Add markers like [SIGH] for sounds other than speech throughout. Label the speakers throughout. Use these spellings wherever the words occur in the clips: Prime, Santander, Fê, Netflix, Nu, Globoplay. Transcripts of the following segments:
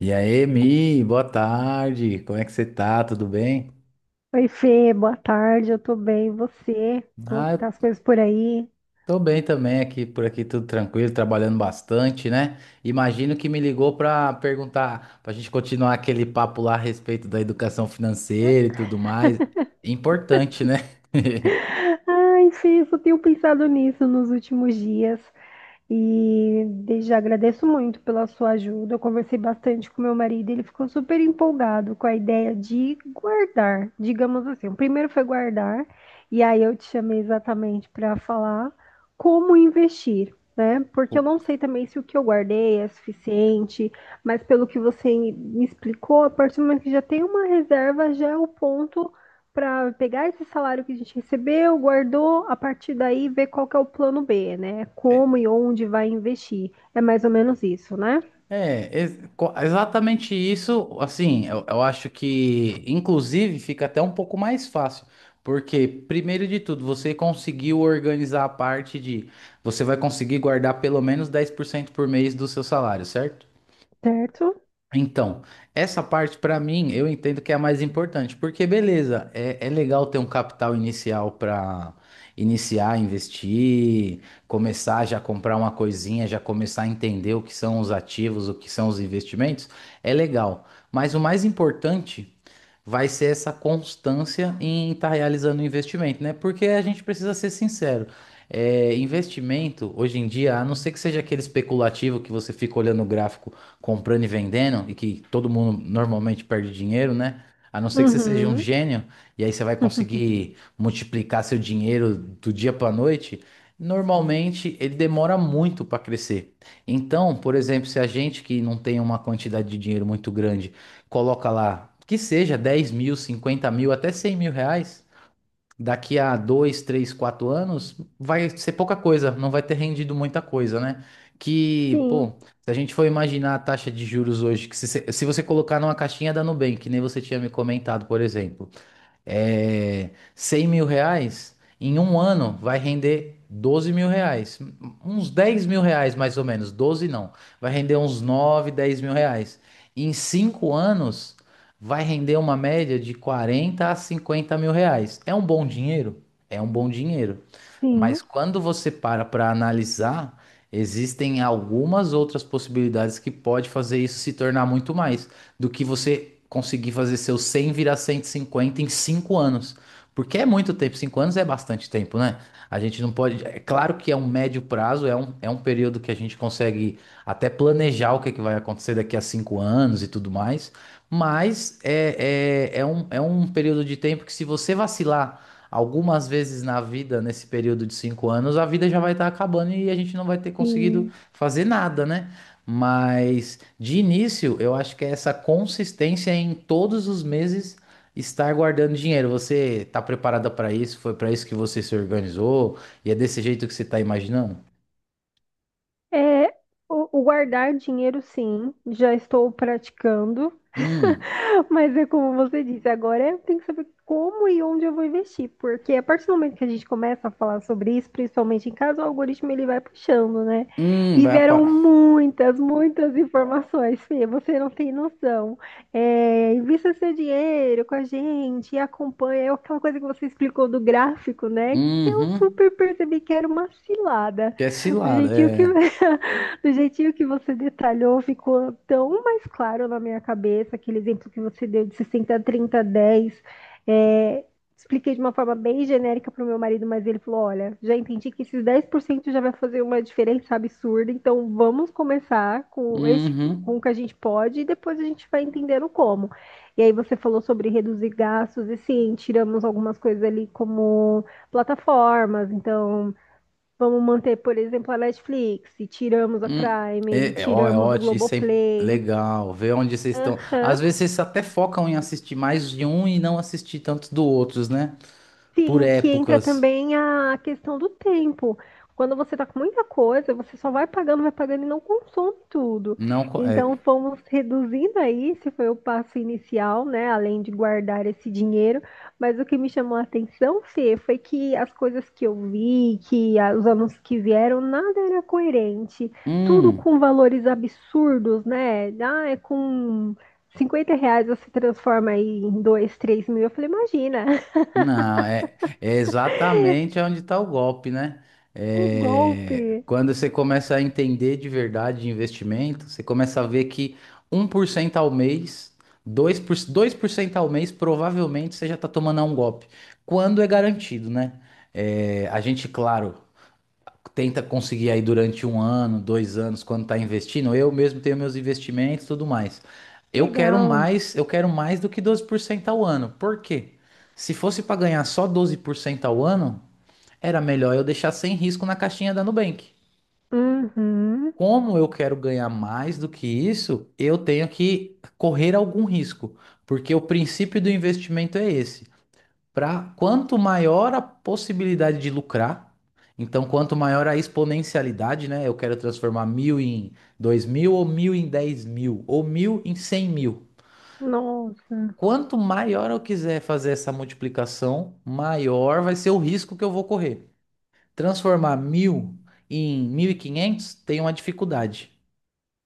Speaker 1: E aí, Mi, boa tarde. Como é que você tá? Tudo bem?
Speaker 2: Oi, Fê, boa tarde, eu tô bem, e você? Como
Speaker 1: Ah,
Speaker 2: que tá
Speaker 1: eu
Speaker 2: as coisas por aí?
Speaker 1: tô bem também aqui, por aqui tudo tranquilo, trabalhando bastante, né? Imagino que me ligou pra perguntar, pra gente continuar aquele papo lá a respeito da educação financeira e tudo mais. Importante, né? [LAUGHS]
Speaker 2: Ai, Fê, eu só tenho pensado nisso nos últimos dias. E desde já agradeço muito pela sua ajuda. Eu conversei bastante com meu marido, ele ficou super empolgado com a ideia de guardar, digamos assim. O primeiro foi guardar, e aí eu te chamei exatamente para falar como investir, né? Porque eu
Speaker 1: Co-
Speaker 2: não sei também se o que eu guardei é suficiente, mas pelo que você me explicou, a partir do momento que já tem uma reserva, já é o ponto para pegar esse salário que a gente recebeu, guardou, a partir daí ver qual que é o plano B, né? Como e onde vai investir. É mais ou menos isso, né?
Speaker 1: exatamente isso. Assim, eu acho que, inclusive, fica até um pouco mais fácil, porque, primeiro de tudo, você conseguiu organizar a parte de. Você vai conseguir guardar pelo menos 10% por mês do seu salário, certo?
Speaker 2: Certo?
Speaker 1: Então, essa parte para mim eu entendo que é a mais importante, porque beleza, é legal ter um capital inicial para iniciar, a investir, começar já a comprar uma coisinha, já começar a entender o que são os ativos, o que são os investimentos, é legal. Mas o mais importante vai ser essa constância em estar realizando o investimento, né? Porque a gente precisa ser sincero. É, investimento, hoje em dia, a não ser que seja aquele especulativo que você fica olhando o gráfico comprando e vendendo, e que todo mundo normalmente perde dinheiro, né? A não ser que você seja um
Speaker 2: Uhum.
Speaker 1: gênio, e aí você vai conseguir multiplicar seu dinheiro do dia para noite, normalmente ele demora muito para crescer. Então, por exemplo, se a gente que não tem uma quantidade de dinheiro muito grande, coloca lá, que seja 10 mil, 50 mil, até 100 mil reais, daqui a dois, três, quatro anos, vai ser pouca coisa, não vai ter rendido muita coisa, né? Que, pô,
Speaker 2: Sim,
Speaker 1: se a gente for imaginar a taxa de juros hoje, que se você colocar numa caixinha da Nubank, que nem você tinha me comentado, por exemplo, é, 100 mil reais, em um ano vai render 12 mil reais. Uns 10 mil reais mais ou menos, 12 não. Vai render uns 9 10 mil reais. Em 5 anos, vai render uma média de 40 a 50 mil reais. É um bom dinheiro? É um bom dinheiro.
Speaker 2: sim,
Speaker 1: Mas quando você para para analisar, existem algumas outras possibilidades que pode fazer isso se tornar muito mais do que você conseguir fazer seus 100 virar 150 em 5 anos. Porque é muito tempo, 5 anos é bastante tempo, né? A gente não pode. É claro que é um médio prazo, é um período que a gente consegue até planejar o que, é que vai acontecer daqui a 5 anos e tudo mais, mas é um período de tempo que, se você vacilar algumas vezes na vida, nesse período de 5 anos, a vida já vai estar acabando e a gente não vai ter conseguido
Speaker 2: sim.
Speaker 1: fazer nada, né? Mas de início, eu acho que é essa consistência em todos os meses estar guardando dinheiro. Você está preparada para isso? Foi para isso que você se organizou? E é desse jeito que você está imaginando?
Speaker 2: É, o guardar dinheiro, sim, já estou praticando,
Speaker 1: Hum,
Speaker 2: [LAUGHS] mas é como você disse, agora eu tenho que saber como e onde eu vou investir, porque a partir do momento que a gente começa a falar sobre isso, principalmente em casa, o algoritmo ele vai puxando, né? E
Speaker 1: vai
Speaker 2: vieram
Speaker 1: aparar.
Speaker 2: muitas, muitas informações, Fê, você não tem noção. É, invista seu dinheiro com a gente, acompanha, é aquela coisa que você explicou do gráfico, né? Que eu
Speaker 1: Uhum,
Speaker 2: super percebi que era uma cilada.
Speaker 1: que é
Speaker 2: Do
Speaker 1: cilada,
Speaker 2: jeitinho que
Speaker 1: é.
Speaker 2: [LAUGHS] Do jeitinho que você detalhou, ficou tão mais claro na minha cabeça aquele exemplo que você deu de 60, 30, 10. É, expliquei de uma forma bem genérica para o meu marido, mas ele falou: Olha, já entendi que esses 10% já vai fazer uma diferença absurda, então vamos começar com, este, com o
Speaker 1: Uhum,
Speaker 2: que a gente pode e depois a gente vai entendendo como. E aí você falou sobre reduzir gastos, e sim, tiramos algumas coisas ali como plataformas, então vamos manter, por exemplo, a Netflix, e tiramos a
Speaker 1: hum.
Speaker 2: Prime, e
Speaker 1: É, ó, é
Speaker 2: tiramos o
Speaker 1: ótimo, isso é
Speaker 2: Globoplay.
Speaker 1: legal. Ver onde vocês estão. Às
Speaker 2: Aham.
Speaker 1: vezes vocês até focam em assistir mais de um e não assistir tanto do outros, né? Por
Speaker 2: Sim, que entra
Speaker 1: épocas.
Speaker 2: também a questão do tempo. Quando você tá com muita coisa, você só vai pagando e não consome tudo.
Speaker 1: Não,
Speaker 2: Então,
Speaker 1: é.
Speaker 2: fomos reduzindo aí, esse foi o passo inicial, né? Além de guardar esse dinheiro. Mas o que me chamou a atenção, Fê, foi que as coisas que eu vi, os anúncios que vieram, nada era coerente. Tudo
Speaker 1: Hum.
Speaker 2: com valores absurdos, né? Ah, é com R$ 50 você transforma aí em 2, 3 mil. Eu falei, imagina.
Speaker 1: Não, é exatamente onde está o golpe, né?
Speaker 2: O
Speaker 1: É,
Speaker 2: golpe!
Speaker 1: quando você começa a entender de verdade de investimento, você começa a ver que 1% ao mês, 2%, 2% ao mês, provavelmente você já está tomando um golpe. Quando é garantido, né? É, a gente, claro, tenta conseguir aí durante um ano, 2 anos, quando tá investindo. Eu mesmo tenho meus investimentos e tudo mais. Eu quero
Speaker 2: Legal.
Speaker 1: mais, eu quero mais do que 12% ao ano. Por quê? Se fosse para ganhar só 12% ao ano, era melhor eu deixar sem risco na caixinha da Nubank.
Speaker 2: Uhum.
Speaker 1: Como eu quero ganhar mais do que isso, eu tenho que correr algum risco, porque o princípio do investimento é esse. Pra, quanto maior a possibilidade de lucrar, então quanto maior a exponencialidade, né? Eu quero transformar mil em dois mil, ou mil em dez mil, ou mil em cem mil.
Speaker 2: Nossa.
Speaker 1: Quanto maior eu quiser fazer essa multiplicação, maior vai ser o risco que eu vou correr. Transformar mil em 1.500 tem uma dificuldade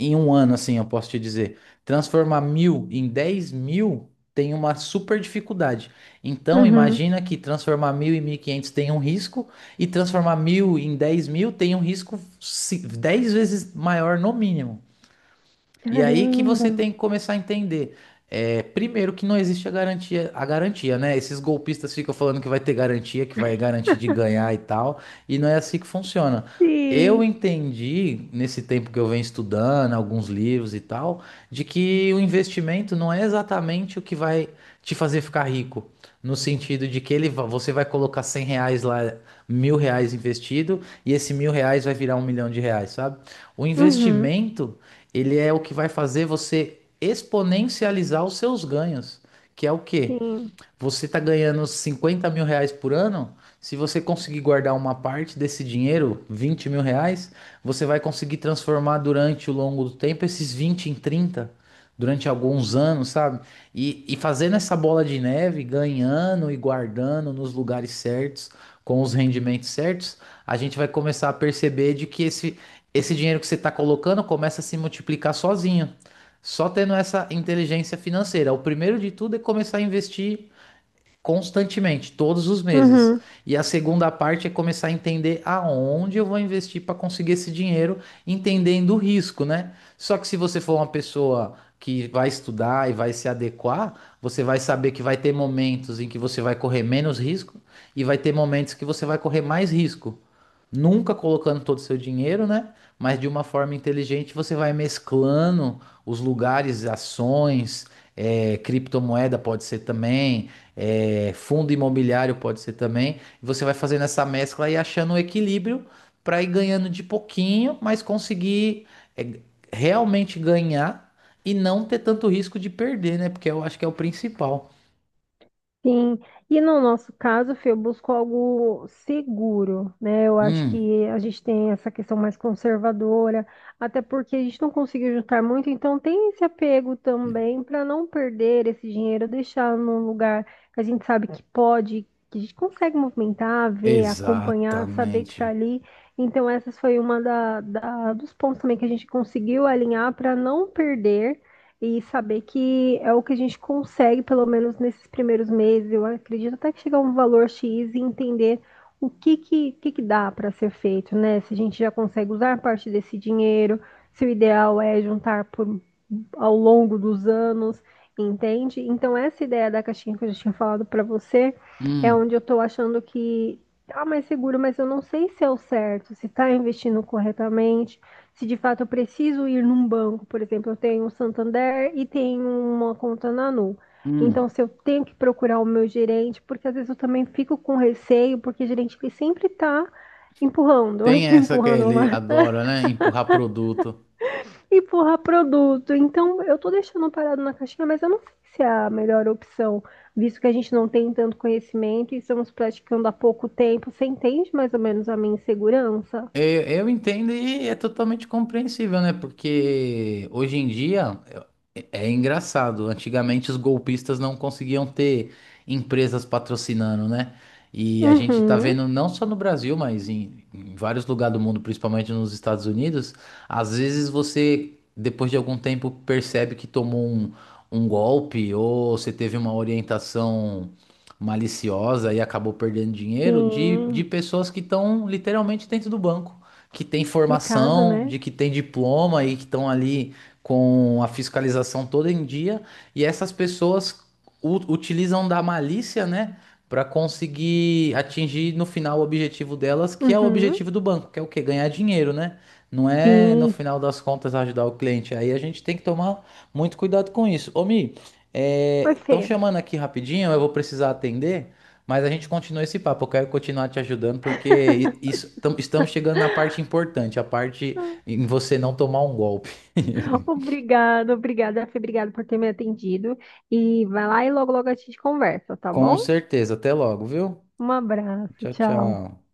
Speaker 1: em um ano, assim, eu posso te dizer, transformar mil em 10 mil tem uma super dificuldade. Então,
Speaker 2: Uhum.
Speaker 1: imagina que transformar mil em 1.500 tem um risco, e transformar mil em 10 mil tem um risco 10 vezes maior no mínimo. E aí que
Speaker 2: Caramba.
Speaker 1: você tem que começar a entender. É, primeiro que não existe a garantia, né? Esses golpistas ficam falando que vai ter garantia, que vai garantir de ganhar e tal, e não é assim que funciona. Eu
Speaker 2: Sim.
Speaker 1: entendi, nesse tempo que eu venho estudando, alguns livros e tal, de que o investimento não é exatamente o que vai te fazer ficar rico. No sentido de que você vai colocar 100 reais lá, mil reais investido, e esse mil reais vai virar 1 milhão de reais, sabe? O
Speaker 2: Uhum.
Speaker 1: investimento ele é o que vai fazer você exponencializar os seus ganhos, que é o quê?
Speaker 2: Sim.
Speaker 1: Você tá ganhando 50 mil reais por ano. Se você conseguir guardar uma parte desse dinheiro, 20 mil reais, você vai conseguir transformar durante o longo do tempo esses 20 em 30 durante alguns anos, sabe? E fazendo essa bola de neve, ganhando e guardando nos lugares certos, com os rendimentos certos, a gente vai começar a perceber de que esse dinheiro que você está colocando começa a se multiplicar sozinho. Só tendo essa inteligência financeira. O primeiro de tudo é começar a investir constantemente, todos os meses.
Speaker 2: Uhum.
Speaker 1: E a segunda parte é começar a entender aonde eu vou investir para conseguir esse dinheiro, entendendo o risco, né? Só que se você for uma pessoa que vai estudar e vai se adequar, você vai saber que vai ter momentos em que você vai correr menos risco e vai ter momentos que você vai correr mais risco. Nunca colocando todo o seu dinheiro, né? Mas de uma forma inteligente você vai mesclando os lugares, ações, criptomoeda pode ser também fundo imobiliário pode ser também. Você vai fazendo essa mescla e achando um equilíbrio para ir ganhando de pouquinho, mas conseguir é, realmente ganhar e não ter tanto risco de perder, né? Porque eu acho que é o principal.
Speaker 2: Sim, e no nosso caso, Fê, eu busco algo seguro, né? Eu acho
Speaker 1: Hum,
Speaker 2: que a gente tem essa questão mais conservadora, até porque a gente não conseguiu juntar muito, então tem esse apego também para não perder esse dinheiro, deixar num lugar que a gente sabe que pode, que a gente consegue movimentar, ver, acompanhar, saber que está
Speaker 1: exatamente.
Speaker 2: ali. Então, essas foi dos pontos também que a gente conseguiu alinhar para não perder. E saber que é o que a gente consegue, pelo menos nesses primeiros meses, eu acredito até que chegar a um valor X e entender o que dá para ser feito, né? Se a gente já consegue usar parte desse dinheiro, se o ideal é juntar por, ao longo dos anos, entende? Então, essa ideia da caixinha que eu já tinha falado para você é
Speaker 1: Hum,
Speaker 2: onde eu estou achando que tá mais seguro, mas eu não sei se é o certo, se está investindo corretamente, se de fato eu preciso ir num banco, por exemplo, eu tenho o Santander e tenho uma conta na Nu.
Speaker 1: hum.
Speaker 2: Então, se eu tenho que procurar o meu gerente, porque às vezes eu também fico com receio, porque o gerente ele sempre está empurrando,
Speaker 1: Tem
Speaker 2: [LAUGHS]
Speaker 1: essa que
Speaker 2: empurrando
Speaker 1: ele
Speaker 2: uma,
Speaker 1: adora, né? Empurrar produto.
Speaker 2: empurrar produto. Então, eu tô deixando parado na caixinha, mas eu não sei se é a melhor opção, visto que a gente não tem tanto conhecimento e estamos praticando há pouco tempo. Você entende mais ou menos a minha insegurança?
Speaker 1: Eu entendo e é totalmente compreensível, né? Porque hoje em dia. É engraçado. Antigamente os golpistas não conseguiam ter empresas patrocinando, né? E a gente tá
Speaker 2: Uhum,
Speaker 1: vendo não só no Brasil, mas em vários lugares do mundo, principalmente nos Estados Unidos, às vezes você, depois de algum tempo, percebe que tomou um golpe ou você teve uma orientação maliciosa e acabou perdendo dinheiro de
Speaker 2: sim,
Speaker 1: pessoas que estão literalmente dentro do banco, que tem
Speaker 2: complicado,
Speaker 1: formação,
Speaker 2: né?
Speaker 1: de que tem diploma e que estão ali com a fiscalização toda em dia, e essas pessoas utilizam da malícia, né, para conseguir atingir no final o objetivo delas, que é o
Speaker 2: Uhum.
Speaker 1: objetivo do banco, que é o quê? Ganhar dinheiro, né? Não é no
Speaker 2: Sim.
Speaker 1: final das contas ajudar o cliente. Aí a gente tem que tomar muito cuidado com isso. Ô, Mi,
Speaker 2: Oi,
Speaker 1: estão
Speaker 2: Fê.
Speaker 1: chamando aqui rapidinho, eu vou precisar atender. Mas a gente continua esse papo, eu quero continuar te ajudando, porque isso, estamos chegando na parte importante, a parte em você não tomar um golpe. [LAUGHS]
Speaker 2: Obrigada, obrigada, Fê. Obrigada por ter me atendido. E vai lá e logo, logo a gente conversa, tá
Speaker 1: Com
Speaker 2: bom?
Speaker 1: certeza. Até logo, viu?
Speaker 2: Um abraço,
Speaker 1: Tchau,
Speaker 2: tchau.
Speaker 1: tchau.